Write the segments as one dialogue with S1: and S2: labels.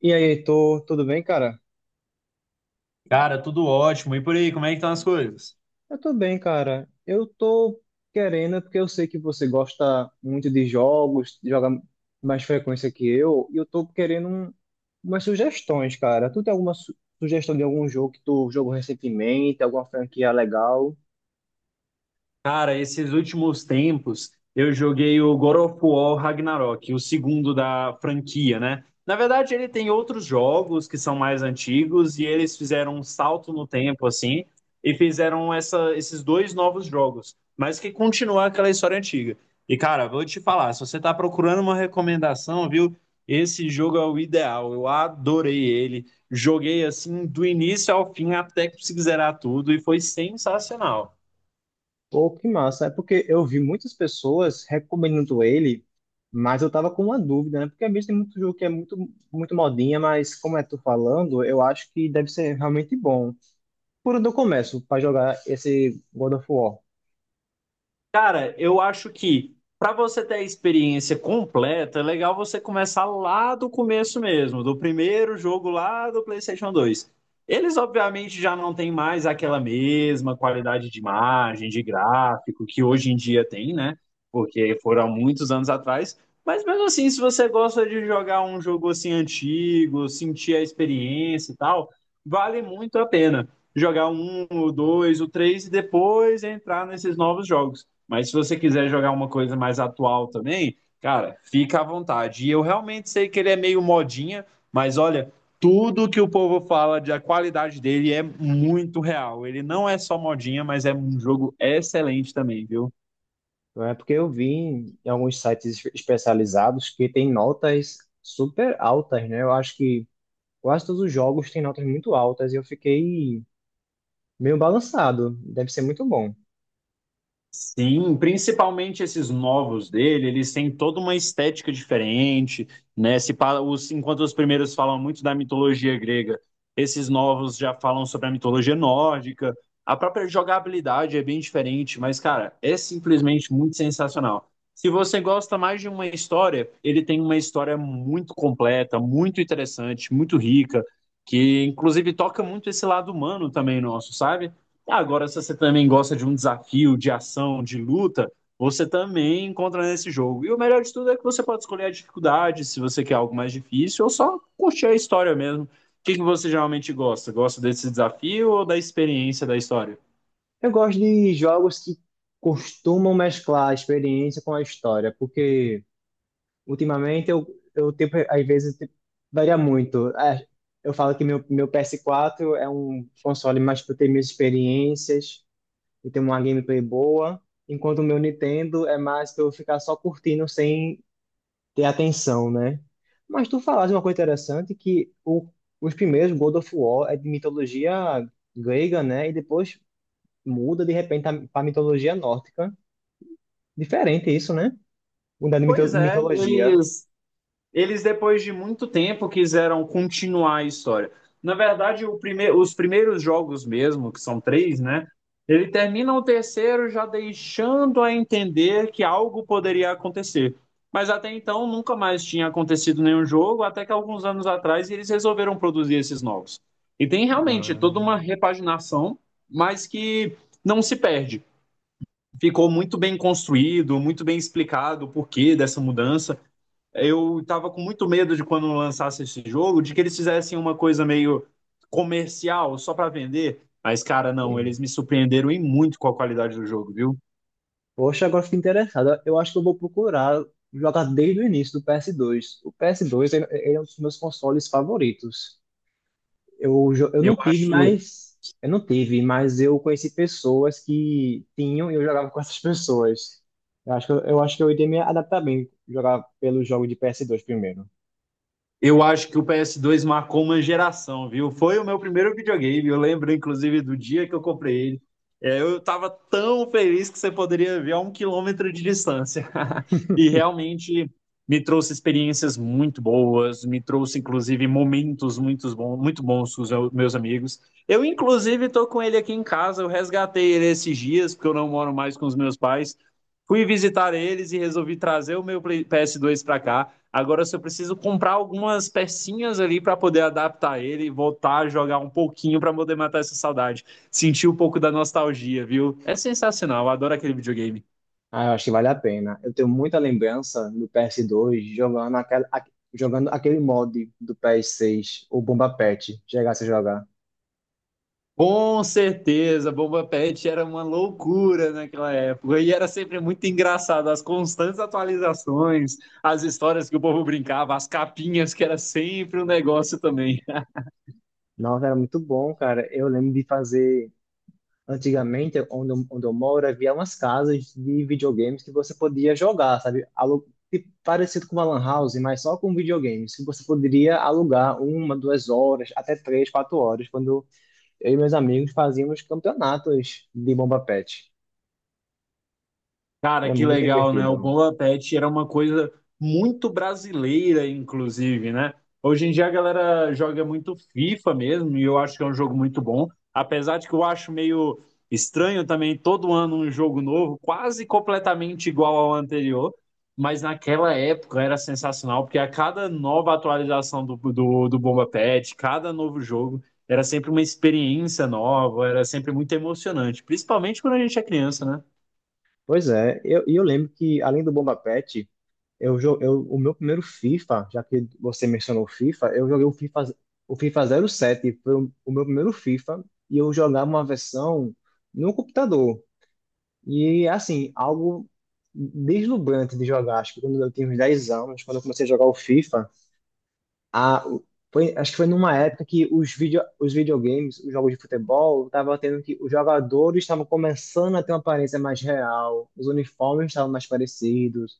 S1: E aí, Heitor, tudo bem, cara?
S2: Cara, tudo ótimo. E por aí, como é que estão as coisas?
S1: Eu tô bem, cara. Eu tô querendo, porque eu sei que você gosta muito de jogos, joga mais frequência que eu, e eu tô querendo umas sugestões, cara. Tu tem alguma sugestão de algum jogo que tu jogou recentemente, alguma franquia legal?
S2: Cara, esses últimos tempos eu joguei o God of War Ragnarok, o segundo da franquia, né? Na verdade, ele tem outros jogos que são mais antigos e eles fizeram um salto no tempo, assim, e fizeram esses dois novos jogos, mas que continuam aquela história antiga. E, cara, vou te falar, se você tá procurando uma recomendação, viu? Esse jogo é o ideal. Eu adorei ele. Joguei assim do início ao fim até conseguir zerar tudo e foi sensacional.
S1: Pô, que massa. É porque eu vi muitas pessoas recomendando ele, mas eu tava com uma dúvida, né? Porque às vezes tem muito jogo que é muito modinha, mas como é tu falando, eu acho que deve ser realmente bom. Por onde eu começo para jogar esse God of War?
S2: Cara, eu acho que para você ter a experiência completa, é legal você começar lá do começo mesmo, do primeiro jogo lá do PlayStation 2. Eles, obviamente, já não têm mais aquela mesma qualidade de imagem, de gráfico que hoje em dia tem, né? Porque foram há muitos anos atrás. Mas mesmo assim, se você gosta de jogar um jogo assim antigo, sentir a experiência e tal, vale muito a pena jogar um, o dois, o três e depois entrar nesses novos jogos. Mas se você quiser jogar uma coisa mais atual também, cara, fica à vontade. E eu realmente sei que ele é meio modinha, mas olha, tudo que o povo fala de a qualidade dele é muito real. Ele não é só modinha, mas é um jogo excelente também, viu?
S1: Não é porque eu vi em alguns sites especializados que tem notas super altas, né? Eu acho que quase todos os jogos têm notas muito altas e eu fiquei meio balançado. Deve ser muito bom.
S2: Sim, principalmente esses novos dele, eles têm toda uma estética diferente, né? Se, pa- os, Enquanto os primeiros falam muito da mitologia grega, esses novos já falam sobre a mitologia nórdica. A própria jogabilidade é bem diferente, mas, cara, é simplesmente muito sensacional. Se você gosta mais de uma história, ele tem uma história muito completa, muito interessante, muito rica, que inclusive toca muito esse lado humano também nosso, sabe? Agora, se você também gosta de um desafio, de ação, de luta, você também encontra nesse jogo. E o melhor de tudo é que você pode escolher a dificuldade, se você quer algo mais difícil, ou só curtir a história mesmo. O que que você geralmente gosta? Gosta desse desafio ou da experiência da história?
S1: Eu gosto de jogos que costumam mesclar a experiência com a história, porque ultimamente eu, eu tipo, varia muito. É, eu falo que meu ps quatro é um console mais para ter minhas experiências e ter uma gameplay boa, enquanto o meu Nintendo é mais pra eu ficar só curtindo sem ter atenção, né? Mas tu falaste uma coisa interessante que os primeiros God of War é de mitologia grega, né? E depois muda de repente para mitologia nórdica. Diferente isso, né? Mudar de
S2: Pois é,
S1: mitologia.
S2: eles depois de muito tempo quiseram continuar a história. Na verdade, os primeiros jogos mesmo, que são três, né? Ele termina o terceiro já deixando a entender que algo poderia acontecer. Mas até então nunca mais tinha acontecido nenhum jogo, até que alguns anos atrás eles resolveram produzir esses novos. E tem realmente
S1: Ah,
S2: toda uma repaginação, mas que não se perde. Ficou muito bem construído, muito bem explicado o porquê dessa mudança. Eu estava com muito medo de quando lançasse esse jogo, de que eles fizessem uma coisa meio comercial só para vender. Mas, cara, não, eles
S1: sim.
S2: me surpreenderam em muito com a qualidade do jogo, viu?
S1: Poxa, agora fiquei interessado. Eu acho que eu vou procurar jogar desde o início do PS2. O PS2 ele é um dos meus consoles favoritos. Eu
S2: Eu
S1: não tive,
S2: acho,
S1: mas eu não tive, mas eu conheci pessoas que tinham e eu jogava com essas pessoas. Eu acho que eu acho que eu iria me adaptar bem jogar pelo jogo de ps dois primeiro.
S2: Eu acho que o PS2 marcou uma geração, viu? Foi o meu primeiro videogame. Eu lembro, inclusive, do dia que eu comprei ele. É, eu estava tão feliz que você poderia ver a um quilômetro de distância. E realmente me trouxe experiências muito boas, me trouxe, inclusive, momentos muito bons com os meus amigos. Eu, inclusive, estou com ele aqui em casa. Eu resgatei ele esses dias, porque eu não moro mais com os meus pais. Fui visitar eles e resolvi trazer o meu PS2 para cá. Agora eu só preciso comprar algumas pecinhas ali para poder adaptar ele e voltar a jogar um pouquinho para poder matar essa saudade. Sentir um pouco da nostalgia, viu? É sensacional, eu adoro aquele videogame.
S1: Ah, eu acho que vale a pena. Eu tenho muita lembrança do ps dois jogando jogando aquele mod do ps seis o Bomba Pet, chegasse a jogar.
S2: Com certeza, Bomba Pet era uma loucura naquela época e era sempre muito engraçado as constantes atualizações, as histórias que o povo brincava, as capinhas que era sempre um negócio também.
S1: Nossa, era muito bom, cara. Eu lembro de fazer antigamente, onde eu moro, havia umas casas de videogames que você podia jogar, sabe? Alu tipo, parecido com uma lan house, mas só com videogames, que você poderia alugar uma, duas horas, até três, quatro horas, quando eu e meus amigos fazíamos campeonatos de bomba pet.
S2: Cara,
S1: Era
S2: que
S1: muito
S2: legal, né? O
S1: divertido.
S2: Bom Apetite era uma coisa muito brasileira, inclusive, né? Hoje em dia a galera joga muito FIFA mesmo, e eu acho que é um jogo muito bom. Apesar de que eu acho meio estranho também todo ano um jogo novo, quase completamente igual ao anterior. Mas naquela época era sensacional, porque a cada nova atualização do Bomba Pet, cada novo jogo, era sempre uma experiência nova, era sempre muito emocionante, principalmente quando a gente é criança, né?
S1: Pois é, e eu lembro que, além do bomba pet, o meu primeiro FIFA, já que você mencionou o FIFA, eu joguei o FIFA zero sete foi o meu primeiro FIFA, e eu jogava uma versão no computador. E, assim, algo deslumbrante de jogar. Acho que quando eu tinha uns 10 anos, quando eu comecei a jogar o FIFA, a, o- acho que foi numa época que os videogames, os jogos de futebol, estavam tendo que os jogadores estavam começando a ter uma aparência mais real, os uniformes estavam mais parecidos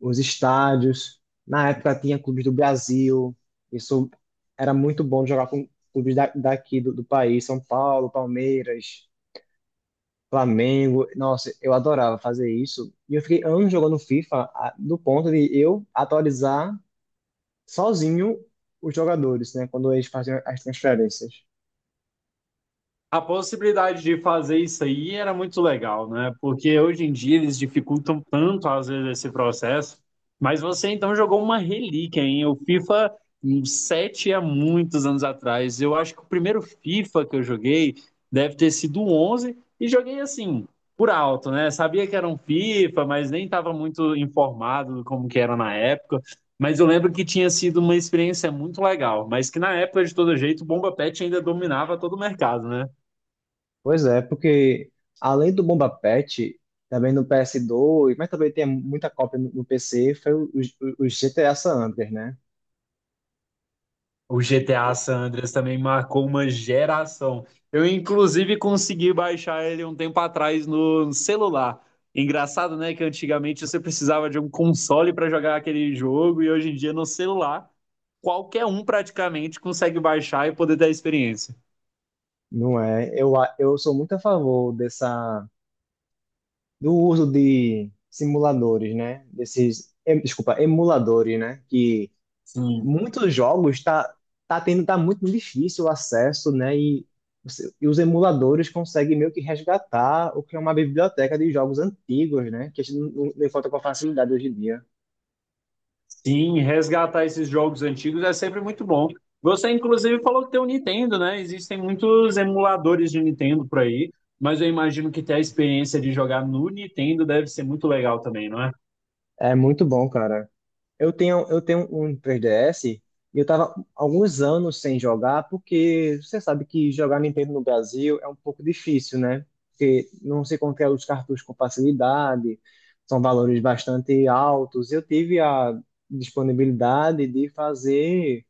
S1: os estádios. Na época tinha clubes do Brasil. Isso era muito bom de jogar com clubes daqui do país, São Paulo, Palmeiras, Flamengo. Nossa, eu adorava fazer isso. E eu fiquei anos jogando FIFA do ponto de eu atualizar sozinho os jogadores, né? Quando eles faziam as transferências.
S2: A possibilidade de fazer isso aí era muito legal, né? Porque hoje em dia eles dificultam tanto, às vezes, esse processo. Mas você então jogou uma relíquia, hein? O FIFA um 7 há muitos anos atrás. Eu acho que o primeiro FIFA que eu joguei deve ter sido o 11 e joguei assim, por alto, né? Sabia que era um FIFA, mas nem estava muito informado do como que era na época. Mas eu lembro que tinha sido uma experiência muito legal, mas que na época, de todo jeito, o Bomba Pet ainda dominava todo o mercado, né?
S1: Pois é, porque além do Bomba Patch, também no ps dois mas também tem muita cópia no PC, foi os GTA San Andreas, né?
S2: O GTA San Andreas também marcou uma geração. Eu, inclusive, consegui baixar ele um tempo atrás no celular. Engraçado, né, que antigamente você precisava de um console para jogar aquele jogo e hoje em dia no celular qualquer um praticamente consegue baixar e poder ter a experiência.
S1: Não é? Eu sou muito a favor dessa, do uso de simuladores, né? Desses, desculpa, emuladores, né? Que
S2: Sim.
S1: muitos jogos tá, tá tendo, tá muito difícil o acesso, né? E, e os emuladores conseguem meio que resgatar o que é uma biblioteca de jogos antigos, né? Que a gente não encontra com facilidade hoje em dia.
S2: Sim, resgatar esses jogos antigos é sempre muito bom. Você, inclusive, falou que tem o Nintendo, né? Existem muitos emuladores de Nintendo por aí, mas eu imagino que ter a experiência de jogar no Nintendo deve ser muito legal também, não é?
S1: É muito bom, cara. Eu tenho um 3DS e eu tava alguns anos sem jogar, porque você sabe que jogar Nintendo no Brasil é um pouco difícil, né? Porque não se encontra os cartuchos com facilidade, são valores bastante altos. Eu tive a disponibilidade de fazer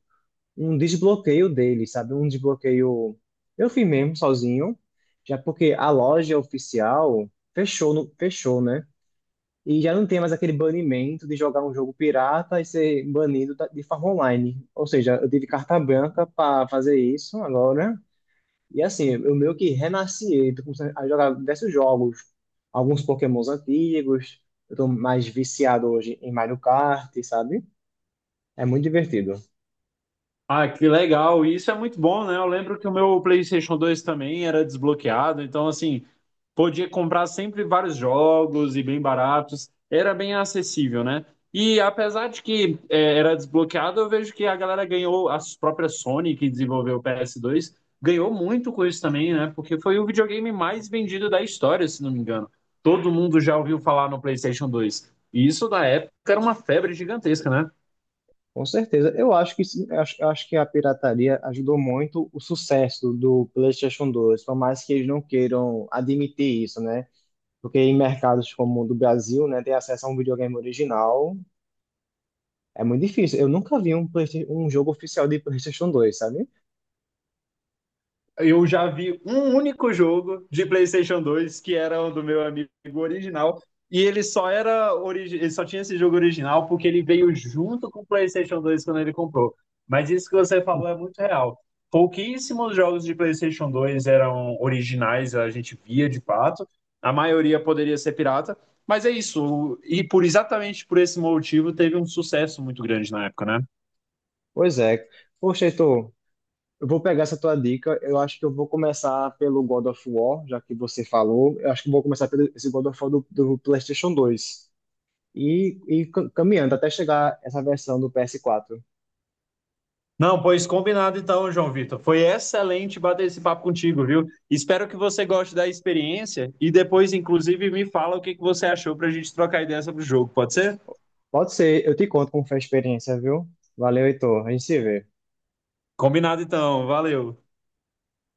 S1: um desbloqueio dele, sabe? Um desbloqueio eu fiz mesmo sozinho, já porque a loja oficial fechou, fechou, né? E já não tem mais aquele banimento de jogar um jogo pirata e ser banido de forma online. Ou seja, eu tive carta branca para fazer isso agora. E assim, eu meio que renasci, tô começando a jogar diversos jogos, alguns Pokémons antigos. Eu tô mais viciado hoje em Mario Kart, sabe? É muito divertido.
S2: Ah, que legal! E isso é muito bom, né? Eu lembro que o meu PlayStation 2 também era desbloqueado, então, assim, podia comprar sempre vários jogos e bem baratos, era bem acessível, né? E apesar de que é, era desbloqueado, eu vejo que a galera ganhou, a própria Sony, que desenvolveu o PS2, ganhou muito com isso também, né? Porque foi o videogame mais vendido da história, se não me engano. Todo mundo já ouviu falar no PlayStation 2. E isso, na época, era uma febre gigantesca, né?
S1: Com certeza. Eu acho que sim, eu acho que a pirataria ajudou muito o sucesso do PlayStation 2, por mais que eles não queiram admitir isso, né? Porque em mercados como o do Brasil, né, ter acesso a um videogame original é muito difícil. Eu nunca vi um jogo oficial de PlayStation 2, sabe?
S2: Eu já vi um único jogo de PlayStation 2 que era o do meu amigo original. E ele só era ele só tinha esse jogo original porque ele veio junto com o PlayStation 2 quando ele comprou. Mas isso que você falou é muito real. Pouquíssimos jogos de PlayStation 2 eram originais, a gente via de fato. A maioria poderia ser pirata, mas é isso. E por exatamente por esse motivo teve um sucesso muito grande na época, né?
S1: Pois é. Poxa, Heitor, eu vou pegar essa tua dica. Eu acho que eu vou começar pelo God of War, já que você falou. Eu acho que eu vou começar pelo esse God of War do PlayStation 2. E caminhando até chegar essa versão do PS4.
S2: Não, pois combinado então, João Vitor. Foi excelente bater esse papo contigo, viu? Espero que você goste da experiência e depois, inclusive, me fala o que que você achou para a gente trocar ideia sobre o jogo, pode ser?
S1: Pode ser, eu te conto como foi a experiência, viu? Valeu, Heitor. A gente se vê.
S2: Combinado então, valeu.